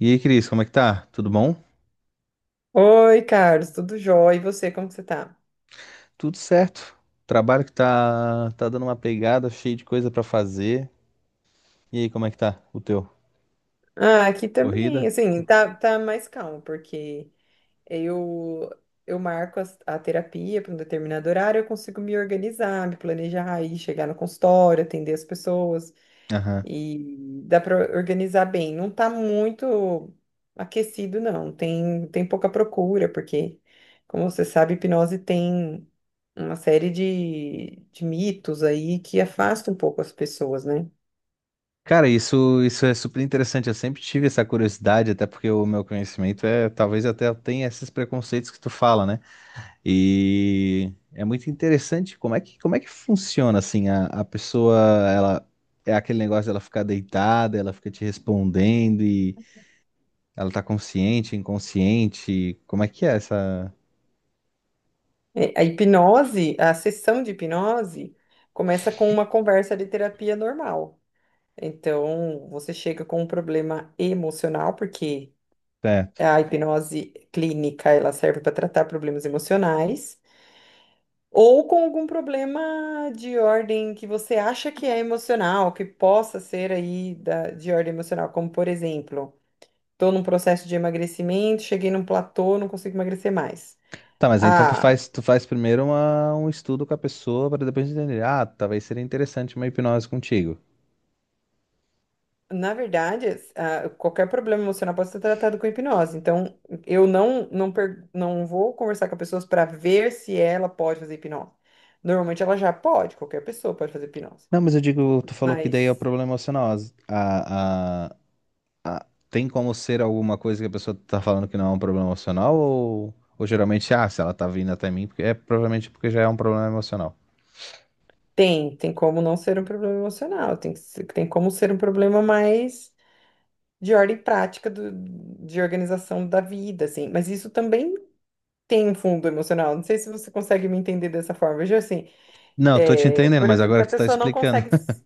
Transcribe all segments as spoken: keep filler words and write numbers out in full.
E aí, Cris, como é que tá? Tudo bom? Oi, Carlos, tudo jóia? E você, como que você tá? Tudo certo. Trabalho que tá, tá dando uma pegada, cheio de coisa pra fazer. E aí, como é que tá o teu? Ah, aqui também, Corrida? assim, Co- tá, tá mais calmo, porque eu eu marco as- a terapia para um determinado horário, eu consigo me organizar, me planejar, aí chegar no consultório, atender as pessoas, Aham. e dá para organizar bem. Não tá muito aquecido, não, tem, tem pouca procura, porque, como você sabe, hipnose tem uma série de, de mitos aí que afasta um pouco as pessoas, né? Cara, isso, isso é super interessante. Eu sempre tive essa curiosidade, até porque o meu conhecimento é, talvez até tenha esses preconceitos que tu fala, né? E é muito interessante como é que, como é que funciona assim a, a pessoa, ela é aquele negócio dela ficar deitada, ela fica te respondendo. Ela tá consciente, inconsciente? Como é que é essa. É, A hipnose, a sessão de hipnose, começa com uma conversa de terapia normal. Então, você chega com um problema emocional, porque Certo. a hipnose clínica, ela serve para tratar problemas emocionais, ou com algum problema de ordem que você acha que é emocional, que possa ser aí da- de ordem emocional, como por exemplo, estou num processo de emagrecimento, cheguei num platô, não consigo emagrecer mais. Tá, mas aí então tu Ah, faz, tu faz primeiro uma- um estudo com a pessoa para depois entender. Ah, talvez seria interessante uma hipnose contigo. Na verdade, es- ah, qualquer problema emocional pode ser tratado com hipnose. Então, eu não não, per- não vou conversar com as pessoas para ver se ela pode fazer hipnose. Normalmente ela já pode, qualquer pessoa pode fazer hipnose. Não, mas eu digo, tu falou que daí é o Mas problema emocional. As- A, a, a- tem como ser alguma coisa que a pessoa tá falando que não é um problema emocional? Ou, ou geralmente, ah, se ela tá vindo até mim, porque é provavelmente porque já é um problema emocional. tem, tem como não ser um problema emocional, tem, que ser- tem como ser um problema mais de ordem prática do, de organização da vida, assim. Mas isso também tem um fundo emocional. Não sei se você consegue me entender dessa forma. Veja assim, Não, tô te é, entendendo, por mas exemplo, agora se a que tu tá pessoa não explicando. consegue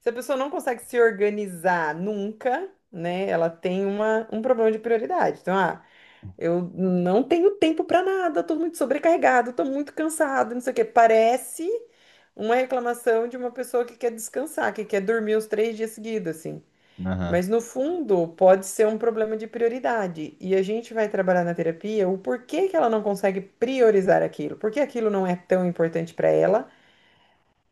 Se a pessoa não consegue se organizar nunca, né? Ela tem uma, um problema de prioridade. Então, ah, eu não tenho tempo para nada, tô muito sobrecarregado, tô muito cansado, não sei o quê. Parece uma reclamação de uma pessoa que quer descansar, que quer dormir os três dias seguidos, assim. Aham. Mas no fundo, pode ser um problema de prioridade. E a gente vai trabalhar na terapia o porquê que ela não consegue priorizar aquilo, porque aquilo não é tão importante para ela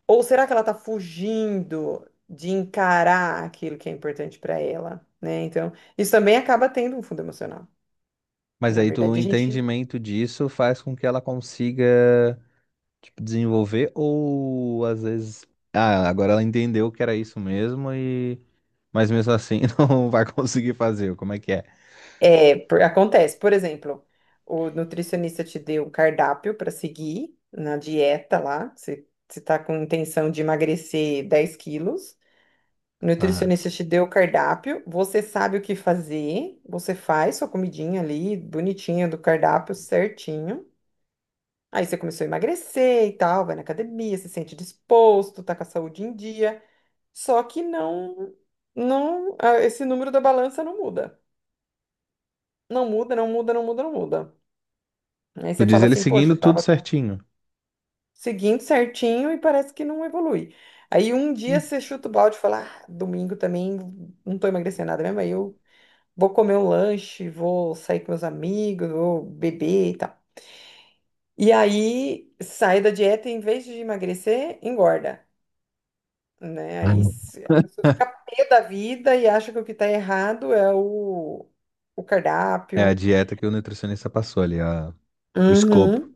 ou será que ela está fugindo de encarar aquilo que é importante para ela, né? Então, isso também acaba tendo um fundo emocional. Mas Na aí tu, o verdade, a gente entendimento disso faz com que ela consiga, tipo, desenvolver ou às vezes, ah, agora ela entendeu que era isso mesmo e mas mesmo assim não vai conseguir fazer. Como é que é? é, por- acontece, por exemplo, o nutricionista te deu um cardápio para seguir na dieta lá, você você tá com intenção de emagrecer dez quilos. O Aham. nutricionista te deu o cardápio, você sabe o que fazer, você faz sua comidinha ali, bonitinha do cardápio, certinho. Aí você começou a emagrecer e tal, vai na academia, se sente disposto, tá com a saúde em dia. Só que não, não, ah, esse número da balança não muda. Não muda, não muda, não muda, não muda. Aí Tu você diz fala ele assim, poxa, seguindo eu tudo tava certinho. seguindo certinho e parece que não evolui. Aí um dia Hum. você chuta o balde e fala, ah, domingo também não tô emagrecendo nada mesmo, aí eu vou comer um lanche, vou sair com meus amigos, vou beber e tal. E aí sai da dieta e em vez de emagrecer, engorda. Né? Aí Uhum. se- A pessoa fica pé da vida e acha que o que tá errado é o, o É a cardápio. dieta que o nutricionista passou ali, a… o escopo. Uhum.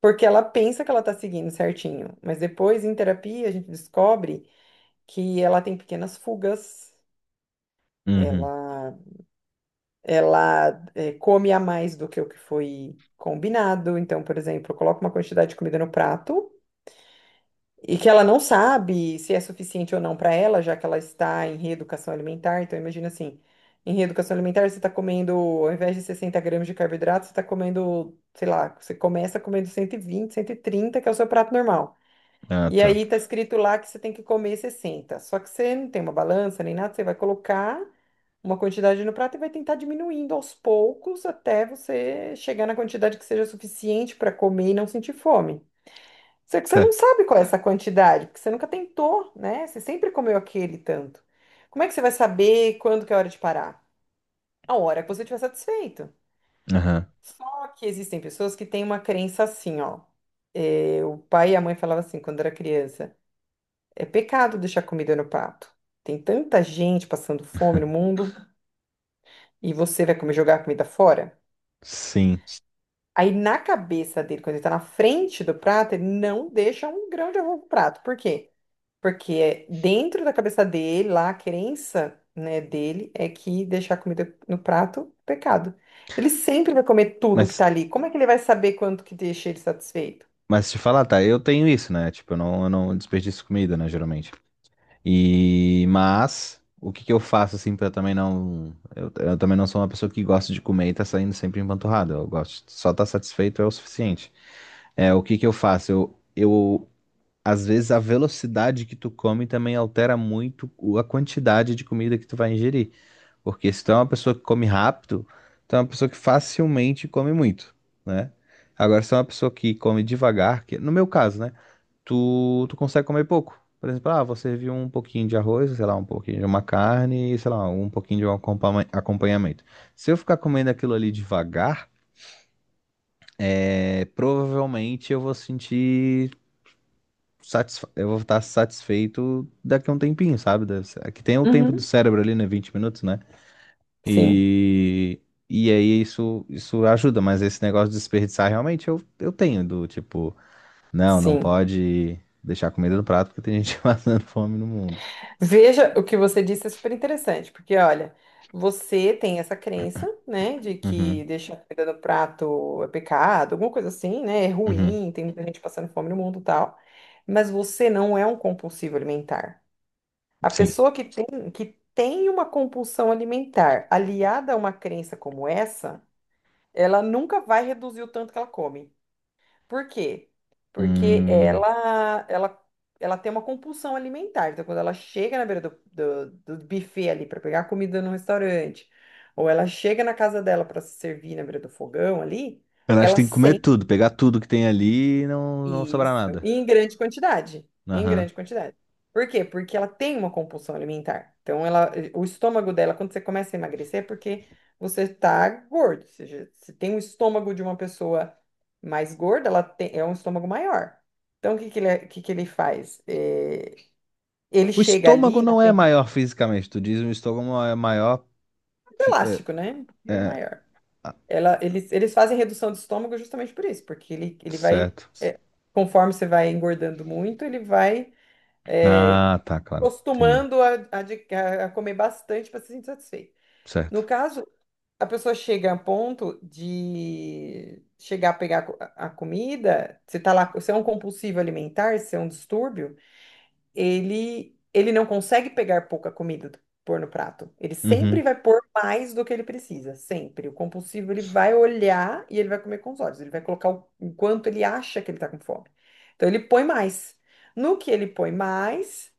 Porque ela pensa que ela tá seguindo certinho, mas depois em terapia a gente descobre que ela tem pequenas fugas, Uhum. ela, ela eh, come a mais do que o que foi combinado. Então, por exemplo, coloca uma quantidade de comida no prato. E que ela não sabe se é suficiente ou não para ela, já que ela está em reeducação alimentar. Então, imagina assim: em reeducação alimentar, você está comendo, ao invés de sessenta gramas de carboidrato, você está comendo, sei lá, você começa comendo cento e vinte, cento e trinta, que é o seu prato normal. Ah, E tá. aí tá escrito lá que você tem que comer sessenta. Só que você não tem uma balança nem nada, você vai colocar uma quantidade no prato e vai tentar diminuindo aos poucos até você chegar na quantidade que seja suficiente para comer e não sentir fome. Só que você não Certo. sabe qual é essa quantidade, porque você nunca tentou, né? Você sempre comeu aquele tanto. Como é que você vai saber quando que é a hora de parar? A hora que você estiver satisfeito. Aham. Só que existem pessoas que têm uma crença assim, ó. É, o pai e a mãe falavam assim quando era criança: é pecado deixar comida no prato. Tem tanta gente passando fome no mundo e você vai comer jogar a comida fora? Sim. Aí na cabeça dele, quando ele tá na frente do prato, ele não deixa um grão de arroz no prato. Por quê? Porque é dentro da cabeça dele, lá, a crença, né, dele é que deixar comida no prato é pecado. Ele sempre vai comer tudo que Mas, tá ali. Como é que ele vai saber quanto que deixa ele satisfeito? mas te falar, tá, eu tenho isso, né? Tipo, eu não, eu não desperdiço comida, né, geralmente. E mas o que que eu faço assim pra também não eu, eu também não sou uma pessoa que gosta de comer e tá saindo sempre empanturrado. Eu gosto só tá satisfeito é o suficiente. É, o que que eu faço? Eu, eu às vezes a velocidade que tu come também altera muito o- a quantidade de comida que tu vai ingerir, porque se tu é uma pessoa que come rápido, tu é uma pessoa que facilmente come muito, né? Agora se tu é uma pessoa que come devagar, que no meu caso, né? tu, tu consegue comer pouco. Por exemplo, ah, você viu um pouquinho de arroz, sei lá, um pouquinho de uma carne, e, sei lá, um pouquinho de um acompanha- acompanhamento. Se eu ficar comendo aquilo ali devagar, é, provavelmente eu vou sentir satisfa eu vou estar satisfeito daqui a um tempinho, sabe? Deve ser- Aqui tem o tempo do Uhum. cérebro ali, né? vinte minutos, né? Sim, E, e aí isso, isso ajuda, mas esse negócio de desperdiçar realmente eu, eu tenho, do tipo, não, não sim. pode deixar comida no prato porque tem gente passando fome no mundo. Veja, o que você disse é super interessante, porque olha, você tem essa crença, né, de Uhum, que deixar comida no prato é pecado, alguma coisa assim, né, é uhum, ruim, tem muita gente passando fome no mundo e tal, mas você não é um compulsivo alimentar. A sim. pessoa que tem, que tem uma compulsão alimentar aliada a uma crença como essa, ela nunca vai reduzir o tanto que ela come. Por quê? Porque Hum, ela, ela, ela tem uma compulsão alimentar. Então, quando ela chega na beira do, do, do buffet ali para pegar comida no restaurante, ou ela chega na casa dela para se servir na beira do fogão ali, eu acho que ela tem que comer tudo, pegar tudo que tem ali e não, não sobrar isso, nada. e em grande quantidade. Em Aham. grande quantidade. Por quê? Porque ela tem uma compulsão alimentar. Então, ela, o estômago dela, quando você começa a emagrecer, é porque você está gordo. Ou seja, se tem o estômago de uma pessoa mais gorda, ela tem, é um estômago maior. Então, o que que ele, é, o que que ele faz? É, ele O chega estômago ali na não é frente do maior fisicamente, tu diz o estômago é maior. fi- É, elástico, né? E o é, maior. ah, Ela, eles, eles fazem redução do estômago justamente por isso, porque ele, ele vai, certo. é, conforme você vai engordando muito, ele vai é, Ah, tá, claro. Entendi. costumando a, a de- a- a comer bastante para se sentir satisfeito. No Certo. caso, a pessoa chega a ponto de chegar a pegar co- a a comida, se tá lá, se é um compulsivo alimentar, se é um distúrbio, ele ele não consegue pegar pouca comida do- pôr no prato. Ele sempre Uhum. vai pôr mais do que ele precisa, sempre. O compulsivo ele vai olhar e ele vai comer com os olhos, ele vai colocar o, o quanto ele acha que ele tá com fome. Então ele põe mais. No que ele põe mais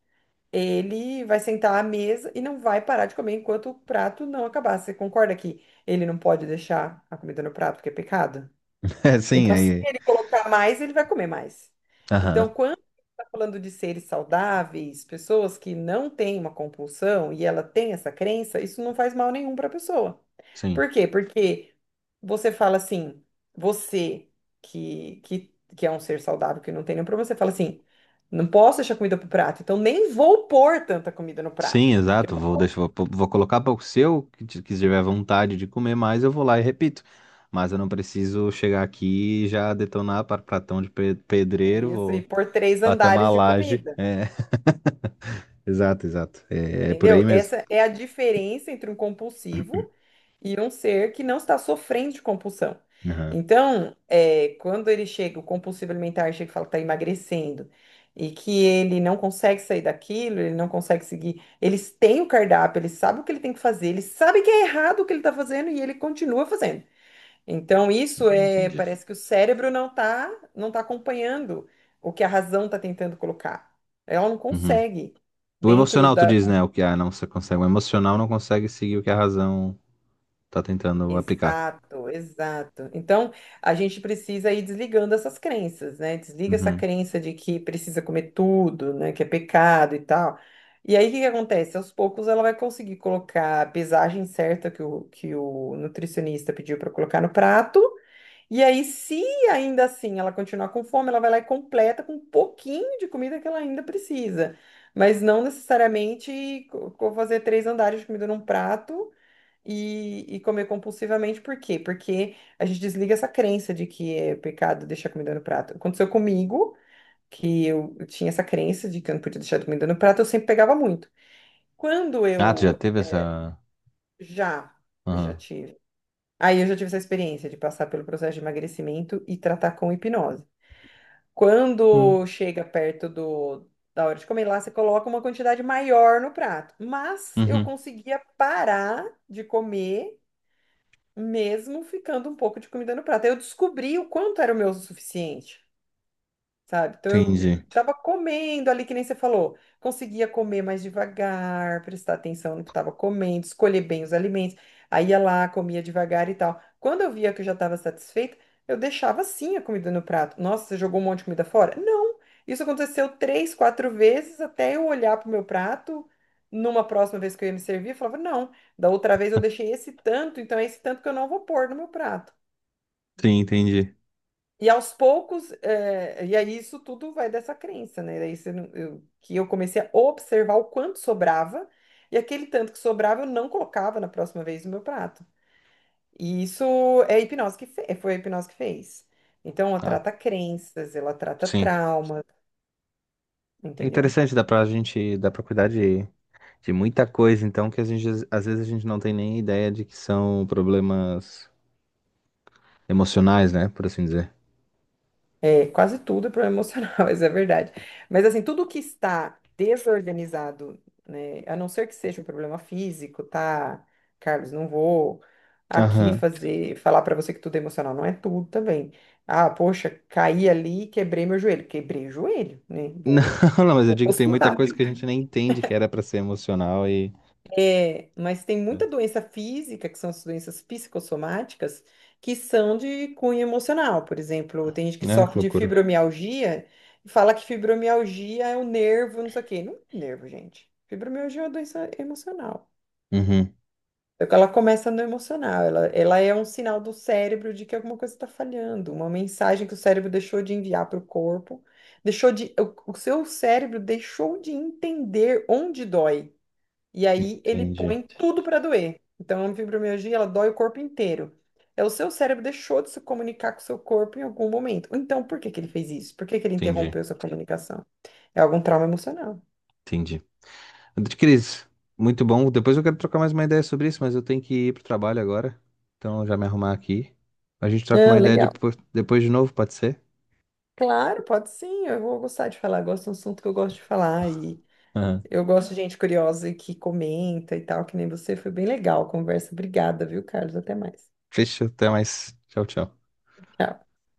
ele vai sentar à mesa e não vai parar de comer enquanto o prato não acabar. Você concorda que ele não pode deixar a comida no prato, porque é pecado? É, sim, Então, se aí. ele colocar mais, ele vai comer mais. Então, Aham, quando está falando de seres saudáveis, pessoas que não têm uma compulsão e ela tem essa crença, isso não faz mal nenhum para a pessoa. sim. Por quê? Porque você fala assim, você que, que, que é um ser saudável, que não tem nenhum problema, você fala assim, não posso deixar comida pro prato, então nem vou pôr tanta comida no Sim, prato. Que eu exato. não- Vou, deixar vou, vou colocar para o seu, que ti- que tiver vontade de comer mais, eu vou lá e repito. Mas eu não preciso chegar aqui e já detonar para pratão de pe- pedreiro. Isso, Vou. e pôr três Bater uma andares de laje. comida. É, exato, exato. É, é por aí Entendeu? mesmo. Essa é a diferença entre um compulsivo e um ser que não está sofrendo de compulsão. Aham. Então, é, quando ele chega, o compulsivo alimentar chega e fala que está emagrecendo e que ele não consegue sair daquilo, ele não consegue seguir. Eles têm o cardápio, eles sabem o que ele tem que fazer, eles sabem que é errado o que ele está fazendo e ele continua fazendo. Então, isso É, é, entendi. parece que o cérebro não está não tá acompanhando o que a razão está tentando colocar. Ela não Uhum. consegue O dentro emocional, tu da diz, né? O que a não se consegue. O emocional não consegue seguir o que a razão tá tentando aplicar. Exato, exato. Então, a gente precisa ir desligando essas crenças, né? Desliga essa Uhum. crença de que precisa comer tudo, né? Que é pecado e tal. E aí, o que que acontece? Aos poucos, ela vai conseguir colocar a pesagem certa que o, que o nutricionista pediu para colocar no prato. E aí, se ainda assim ela continuar com fome, ela vai lá e completa com um pouquinho de comida que ela ainda precisa. Mas não necessariamente co- co- fazer três andares de comida num prato e, e comer compulsivamente, por quê? Porque a gente desliga essa crença de que é pecado deixar comida no prato. Aconteceu comigo, que eu eu tinha essa crença de que eu não podia deixar comida no prato, eu sempre pegava muito. Quando Ah, tu já eu teve essa. já, eu já Aham. tive. Aí Eu já tive essa experiência de passar pelo processo de emagrecimento e tratar com hipnose. Quando Hum. chega perto do, da hora de comer lá, você coloca uma quantidade maior no prato. Mas eu Uhum. conseguia parar de comer mesmo ficando um pouco de comida no prato. Eu descobri o quanto era o meu o suficiente, sabe? Então eu Entendi. tava comendo ali, que nem você falou, conseguia comer mais devagar, prestar atenção no que estava comendo, escolher bem os alimentos, aí ia lá, comia devagar e tal. Quando eu via que eu já estava satisfeita, eu deixava sim a comida no prato. Nossa, você jogou um monte de comida fora? Não! Isso aconteceu três, quatro vezes até eu olhar para o meu prato. Numa próxima vez que eu ia me servir, eu falava, não, da outra vez eu deixei esse tanto, então é esse tanto que eu não vou pôr no meu prato. Sim, entendi. E aos poucos, eh, e aí isso tudo vai dessa crença, né? Daí você não- eu- Que eu comecei a observar o quanto sobrava, e aquele tanto que sobrava eu não colocava na próxima vez no meu prato. E isso é a hipnose que fez, foi a hipnose que fez. Então, ela Ah, trata crenças, ela trata sim. traumas, É entendeu? interessante, dá pra gente, dá pra cuidar de, de muita coisa, então, que a gente, às vezes a gente não tem nem ideia de que são problemas emocionais, né? Por assim dizer. É, quase tudo é problema emocional, isso é verdade. Mas assim, tudo que está desorganizado, né, a não ser que seja um problema físico, tá? Carlos, não vou aqui Aham. fazer, falar para você que tudo é emocional, não é tudo também. Ah, poxa, caí ali e quebrei meu joelho. Quebrei o joelho, né? Não, Vou, não, mas eu vou pro digo que tem muita hospital. coisa que a gente nem entende que era pra ser emocional e. É, mas tem muita doença física, que são as doenças psicossomáticas, que são de cunho emocional. Por exemplo, tem gente que Ah, que sofre de loucura. fibromialgia e fala que fibromialgia é o nervo, não sei o quê. Não é nervo, gente. Fibromialgia é uma doença emocional. Uhum. É que ela começa no emocional, ela, ela é um sinal do cérebro de que alguma coisa está falhando, uma mensagem que o cérebro deixou de enviar para o corpo, deixou de, o o seu cérebro deixou de entender onde dói. E aí ele Entendi, põe tudo para doer. Então, a fibromialgia, ela dói o corpo inteiro. É, o seu cérebro deixou de se comunicar com o seu corpo em algum momento. Então, por que que ele fez isso? Por que que ele entendi, interrompeu essa comunicação? É algum trauma emocional. entendi. Cris, muito bom. Depois eu quero trocar mais uma ideia sobre isso, mas eu tenho que ir pro trabalho agora. Então eu já me arrumar aqui. A gente troca uma Não, ideia legal. depois, depois de novo, pode ser? Claro, pode sim, eu vou gostar de falar. Gosto de um assunto que eu gosto de falar. E Aham. eu gosto de gente curiosa e que comenta e tal, que nem você. Foi bem legal a conversa. Obrigada, viu, Carlos? Até mais. Fechou, até mais. Tchau, tchau. Tchau.